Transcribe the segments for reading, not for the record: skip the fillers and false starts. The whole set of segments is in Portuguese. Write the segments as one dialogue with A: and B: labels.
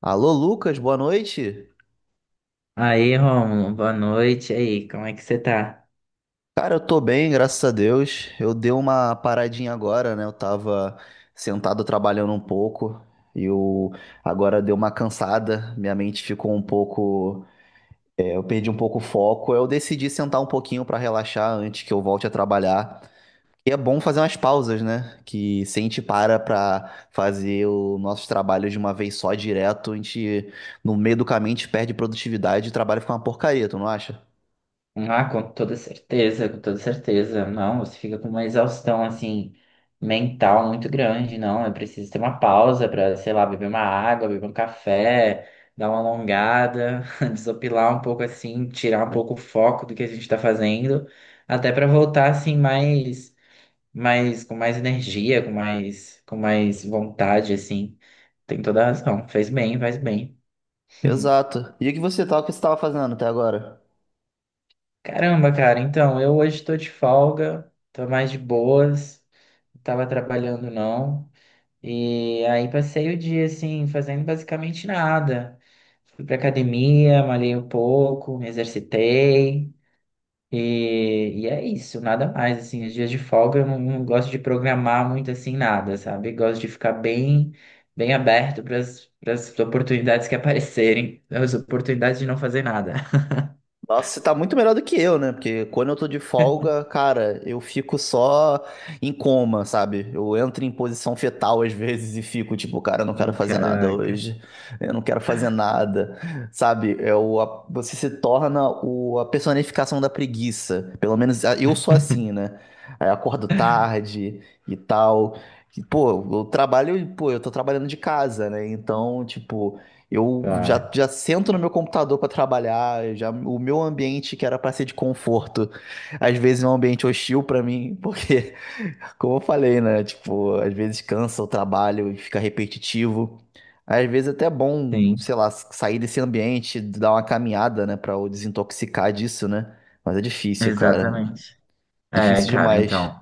A: Alô, Lucas, boa noite.
B: Aí, Rômulo, boa noite. E aí, como é que você tá?
A: Cara, eu tô bem, graças a Deus. Eu dei uma paradinha agora, né? Eu tava sentado trabalhando um pouco e eu agora deu uma cansada. Minha mente ficou um pouco, eu perdi um pouco o foco. Eu decidi sentar um pouquinho pra relaxar antes que eu volte a trabalhar. E é bom fazer umas pausas, né? Que se a gente para pra fazer os nossos trabalhos de uma vez só direto, a gente no meio do caminho a gente perde produtividade e o trabalho fica uma porcaria, tu não acha?
B: Ah, com toda certeza, com toda certeza. Não, você fica com uma exaustão, assim, mental muito grande, não. É preciso ter uma pausa pra, sei lá, beber uma água, beber um café, dar uma alongada, desopilar um pouco, assim, tirar um pouco o foco do que a gente tá fazendo, até pra voltar, assim, com mais energia, com mais vontade, assim. Tem toda a razão. Fez bem, faz bem.
A: Exato. E o que você tá, o que você tava fazendo até agora?
B: Caramba, cara, então, eu hoje tô de folga, tô mais de boas, não tava trabalhando não. E aí passei o dia, assim, fazendo basicamente nada. Fui pra academia, malhei um pouco, me exercitei. E é isso, nada mais, assim, os dias de folga eu não gosto de programar muito, assim, nada, sabe? Gosto de ficar bem aberto para as oportunidades que aparecerem, as oportunidades de não fazer nada.
A: Nossa, você tá muito melhor do que eu, né? Porque quando eu tô de folga, cara, eu fico só em coma, sabe? Eu entro em posição fetal às vezes e fico tipo, cara, eu não quero fazer nada
B: Caraca.
A: hoje. Eu não quero fazer nada, sabe? É o, a- você se torna o, a personificação da preguiça. Pelo menos eu sou assim, né? Aí eu acordo tarde e tal. E, pô, eu trabalho, pô, eu tô trabalhando de casa, né? Então, tipo. Eu
B: Claro.
A: já, já sento no meu computador para trabalhar, já o meu ambiente que era para ser de conforto, às vezes é um ambiente hostil para mim, porque, como eu falei, né? Tipo, às vezes cansa o trabalho e fica repetitivo. Às vezes é até bom, sei lá, sair desse ambiente, dar uma caminhada, né, para desintoxicar disso, né? Mas é difícil, cara.
B: Exatamente. É,
A: Difícil
B: cara,
A: demais.
B: então.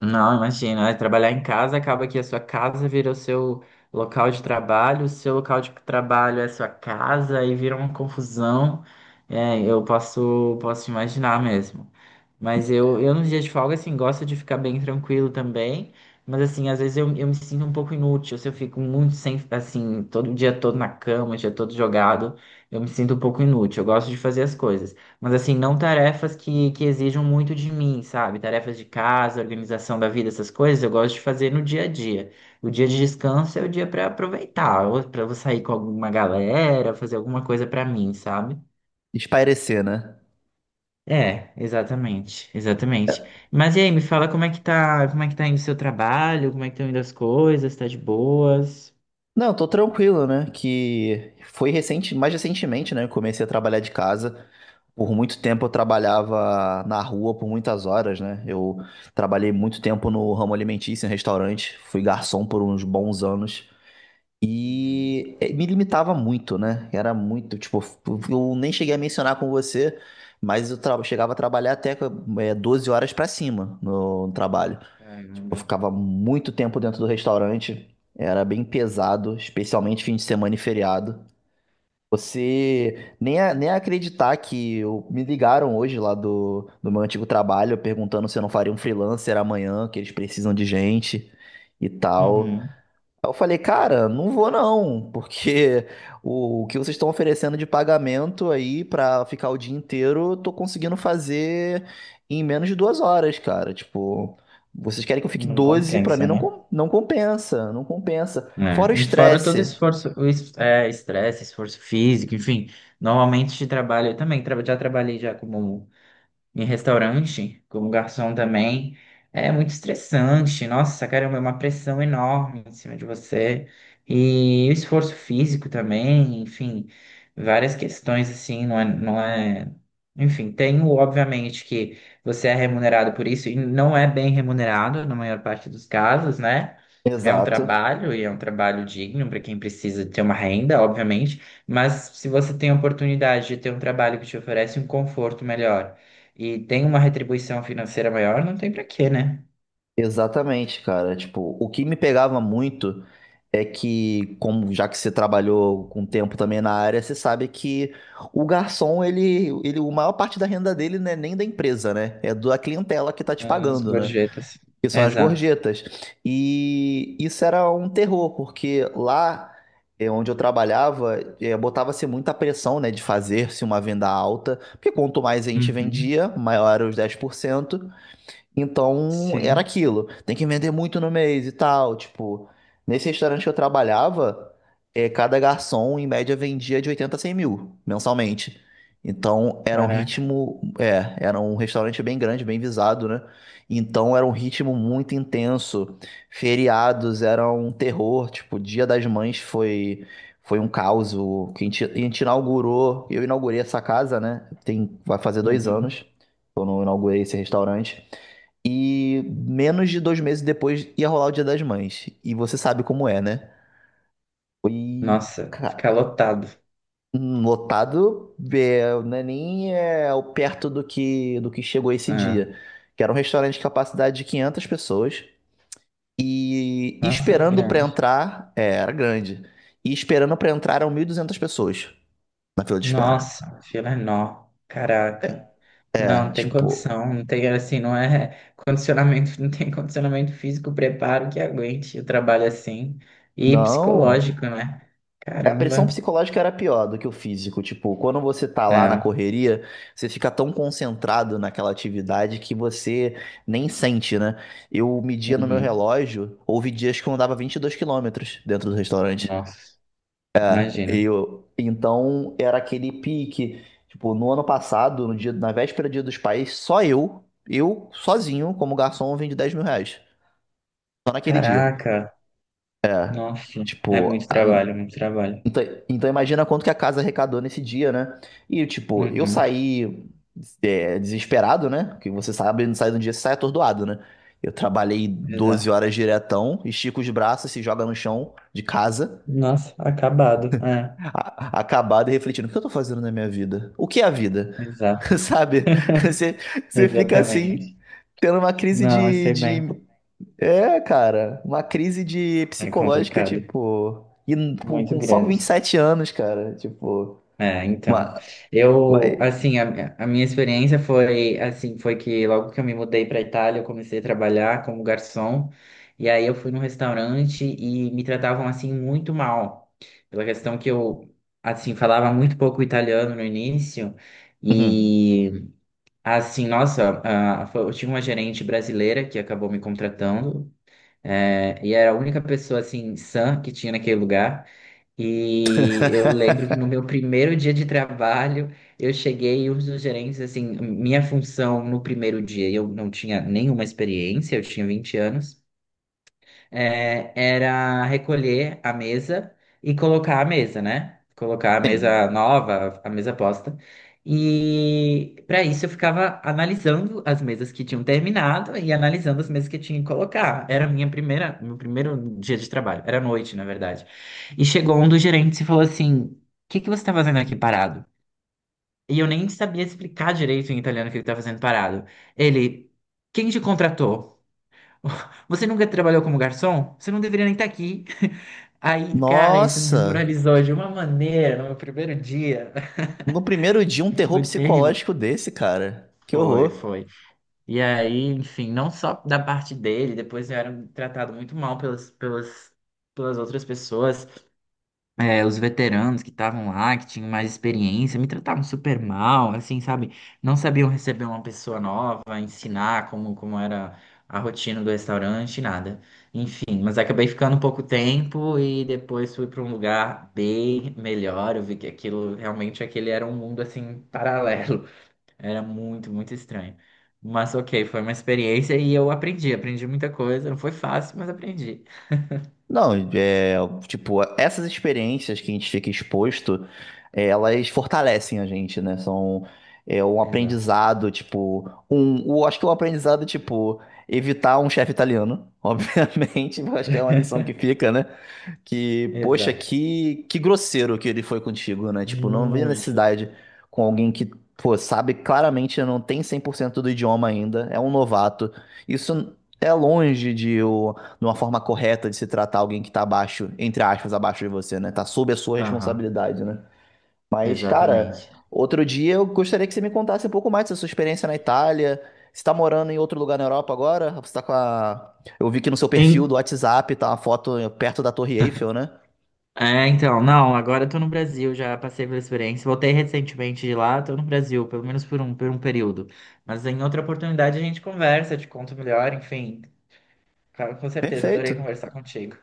B: Não, imagina, é, trabalhar em casa acaba que a sua casa vira o seu local de trabalho, o seu local de trabalho é a sua casa e vira uma confusão. É, eu posso imaginar mesmo. Mas eu nos dias de folga, assim, gosto de ficar bem tranquilo também. Mas, assim, às vezes eu me sinto um pouco inútil. Se eu fico muito sem, assim, todo o dia todo na cama, o dia todo jogado, eu me sinto um pouco inútil. Eu gosto de fazer as coisas. Mas assim, não tarefas que exijam muito de mim, sabe? Tarefas de casa, organização da vida, essas coisas, eu gosto de fazer no dia a dia. O dia de descanso é o dia para aproveitar, ou para eu sair com alguma galera, fazer alguma coisa para mim, sabe?
A: Espairecer, né?
B: É, exatamente, exatamente. Mas e aí, me fala como é que tá indo o seu trabalho, como é que estão indo as coisas, tá de boas?
A: Não, tô tranquilo, né? Que foi recente, mais recentemente, né? Eu comecei a trabalhar de casa. Por muito tempo eu trabalhava na rua por muitas horas, né? Eu trabalhei muito tempo no ramo alimentício, em restaurante, fui garçom por uns bons anos
B: Uhum.
A: e me limitava muito, né? Era muito, tipo, eu nem cheguei a mencionar com você, mas chegava a trabalhar até 12 horas pra cima no trabalho. Tipo, eu
B: Caramba.
A: ficava muito tempo dentro do restaurante, era bem pesado, especialmente fim de semana e feriado. Você nem, nem acreditar que me ligaram hoje lá do, do meu antigo trabalho perguntando se eu não faria um freelancer amanhã, que eles precisam de gente e tal.
B: Uhum.
A: Aí eu falei, cara, não vou não, porque o que vocês estão oferecendo de pagamento aí pra ficar o dia inteiro, eu tô conseguindo fazer em menos de 2 horas, cara. Tipo, vocês querem que eu fique
B: Não
A: 12? Pra mim
B: compensa,
A: não,
B: né
A: não compensa, não compensa.
B: né?
A: Fora o
B: E fora todo
A: estresse.
B: esforço, estresse, esforço físico, enfim. Normalmente trabalho, eu também já trabalhei já como em restaurante, como garçom também, é muito estressante. Nossa, caramba, é uma pressão enorme em cima de você. E o esforço físico também, enfim, várias questões assim, não é, não é... Enfim, tem o, obviamente, que você é remunerado por isso e não é bem remunerado na maior parte dos casos, né? É um
A: Exato.
B: trabalho e é um trabalho digno para quem precisa ter uma renda, obviamente, mas se você tem a oportunidade de ter um trabalho que te oferece um conforto melhor e tem uma retribuição financeira maior, não tem pra quê, né?
A: Exatamente, cara. Tipo, o que me pegava muito é que, como já que você trabalhou com tempo também na área, você sabe que o garçom, ele, a maior parte da renda dele não é nem da empresa, né? É da clientela que tá te
B: As
A: pagando, né?
B: gorjetas.
A: Que são as
B: Exato.
A: gorjetas. E isso era um terror, porque lá é, onde eu trabalhava, é, botava-se muita pressão, né, de fazer-se uma venda alta, porque quanto mais a gente
B: Uhum.
A: vendia, maior era os 10%. Então, era
B: Sim.
A: aquilo. Tem que vender muito no mês e tal. Tipo, nesse restaurante que eu trabalhava, cada garçom, em média, vendia de 80 a 100 mil mensalmente. Então, era um
B: Caraca.
A: ritmo. É, era um restaurante bem grande, bem visado, né? Então, era um ritmo muito intenso. Feriados era um terror. Tipo, Dia das Mães foi. Foi um caos. O- que A gente inaugurou. Eu inaugurei essa casa, né? Tem, vai fazer dois
B: Uhum.
A: anos. Que Eu não inaugurei esse restaurante. E menos de 2 meses depois ia rolar o Dia das Mães. E você sabe como é, né? Foi
B: Nossa,
A: ca-
B: fica lotado.
A: lotado, é, não é nem é, perto do que chegou esse
B: Ah,
A: dia. Que era um restaurante de capacidade de 500 pessoas. E
B: nossa, era
A: esperando pra
B: grande.
A: entrar, é, era grande. E esperando pra entrar eram 1.200 pessoas na fila de espera.
B: Nossa, a fila é nó. Caraca. Não,
A: É,
B: não tem
A: tipo,
B: condição. Não tem, assim, não é condicionamento, não tem condicionamento físico, preparo que aguente o trabalho assim. E
A: não.
B: psicológico, né?
A: A pressão
B: Caramba.
A: psicológica era pior do que o físico. Tipo, quando você tá lá na
B: É.
A: correria, você fica tão concentrado naquela atividade que você nem sente, né? Eu media no meu
B: Uhum.
A: relógio, houve dias que eu andava 22 quilômetros dentro do restaurante.
B: Nossa, imagina.
A: Eu, então, era aquele pique. Tipo, no ano passado, no dia, na véspera do Dia dos Pais, só eu sozinho, como garçom, vendi 10 mil reais. Só naquele dia.
B: Caraca.
A: É.
B: Nossa, é
A: Tipo,
B: muito trabalho, muito trabalho.
A: Então, então imagina quanto que a casa arrecadou nesse dia, né? E tipo, eu
B: Uhum,
A: saí desesperado, né? Porque você sabe, não sai de um dia, você sai atordoado, né? Eu trabalhei doze
B: exato.
A: horas diretão, estica os braços, se joga no chão de casa,
B: Nossa, acabado. É,
A: acabado e refletindo, o que eu tô fazendo na minha vida? O que é a vida?
B: exato,
A: Sabe? Você, você fica assim,
B: exatamente.
A: tendo uma crise
B: Não, eu sei bem.
A: de... É, cara, uma crise de
B: É
A: psicológica,
B: complicado,
A: tipo... E com
B: muito
A: com só vinte e
B: grande.
A: sete anos, cara, tipo...
B: É, então,
A: Mas,
B: eu,
A: vai.
B: assim, a minha experiência foi, assim, foi que logo que eu me mudei para Itália, eu comecei a trabalhar como garçom, e aí eu fui num restaurante e me tratavam, assim, muito mal, pela questão que eu, assim, falava muito pouco italiano no início,
A: Uhum.
B: e assim, nossa, ah, eu tive uma gerente brasileira que acabou me contratando, e era a única pessoa, assim, sã que tinha naquele lugar. E eu lembro que no meu primeiro dia de trabalho, eu cheguei e os gerentes, assim, minha função no primeiro dia, eu não tinha nenhuma experiência, eu tinha 20 anos, era recolher a mesa e colocar a mesa, né? Colocar a
A: Sim.
B: mesa nova, a mesa posta. E para isso eu ficava analisando as mesas que tinham terminado e analisando as mesas que eu tinha que colocar. Era meu primeiro dia de trabalho. Era noite, na verdade. E chegou um dos gerentes e falou assim: O que que você está fazendo aqui parado? E eu nem sabia explicar direito em italiano o que ele estava fazendo parado. Ele, quem te contratou? Você nunca trabalhou como garçom? Você não deveria nem estar aqui. Aí, cara, isso me
A: Nossa!
B: desmoralizou de uma maneira no meu primeiro dia.
A: No primeiro dia, um terror
B: Foi terrível.
A: psicológico desse, cara. Que
B: Foi,
A: horror.
B: foi. E aí, enfim, não só da parte dele, depois eu era tratado muito mal pelas outras pessoas. Os veteranos que estavam lá, que tinham mais experiência, me tratavam super mal, assim, sabe? Não sabiam receber uma pessoa nova, ensinar como era a rotina do restaurante, nada. Enfim, mas acabei ficando pouco tempo e depois fui para um lugar bem melhor. Eu vi que aquilo, realmente, aquele era um mundo, assim, paralelo. Era muito, muito estranho. Mas ok, foi uma experiência e eu aprendi, aprendi muita coisa. Não foi fácil, mas aprendi.
A: Não, é, tipo, essas experiências que a gente fica exposto, elas fortalecem a gente, né? São um
B: Exato.
A: aprendizado, tipo, um, o, acho que é um aprendizado, tipo, evitar um chefe italiano, obviamente, eu acho que é uma lição que fica, né? Que, poxa,
B: Exato.
A: que grosseiro que ele foi contigo, né? Tipo, não vi
B: Muito.
A: necessidade com alguém que, pô, sabe claramente não tem 100% do idioma ainda, é um novato. Isso é longe de, de uma forma correta de se tratar alguém que tá abaixo, entre aspas, abaixo de você, né? Tá sob a sua
B: Aham.
A: responsabilidade, né? Mas, cara,
B: Exatamente.
A: outro dia eu gostaria que você me contasse um pouco mais da sua experiência na Itália. Você tá morando em outro lugar na Europa agora? Você tá com a... Eu vi que no seu perfil
B: Em-
A: do WhatsApp tá uma foto perto da Torre Eiffel, né?
B: É, então, não, agora eu tô no Brasil, já passei pela experiência, voltei recentemente de lá, tô no Brasil, pelo menos por um período. Mas em outra oportunidade a gente conversa, te conto melhor, enfim. Cara, com certeza, adorei
A: Perfeito.
B: conversar contigo.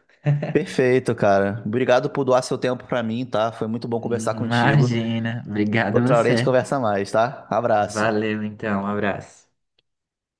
A: Perfeito, cara. Obrigado por doar seu tempo pra mim, tá? Foi muito bom conversar contigo.
B: Imagina, obrigado
A: Outra hora a gente
B: você.
A: conversa mais, tá? Abraço.
B: Valeu, então, um abraço.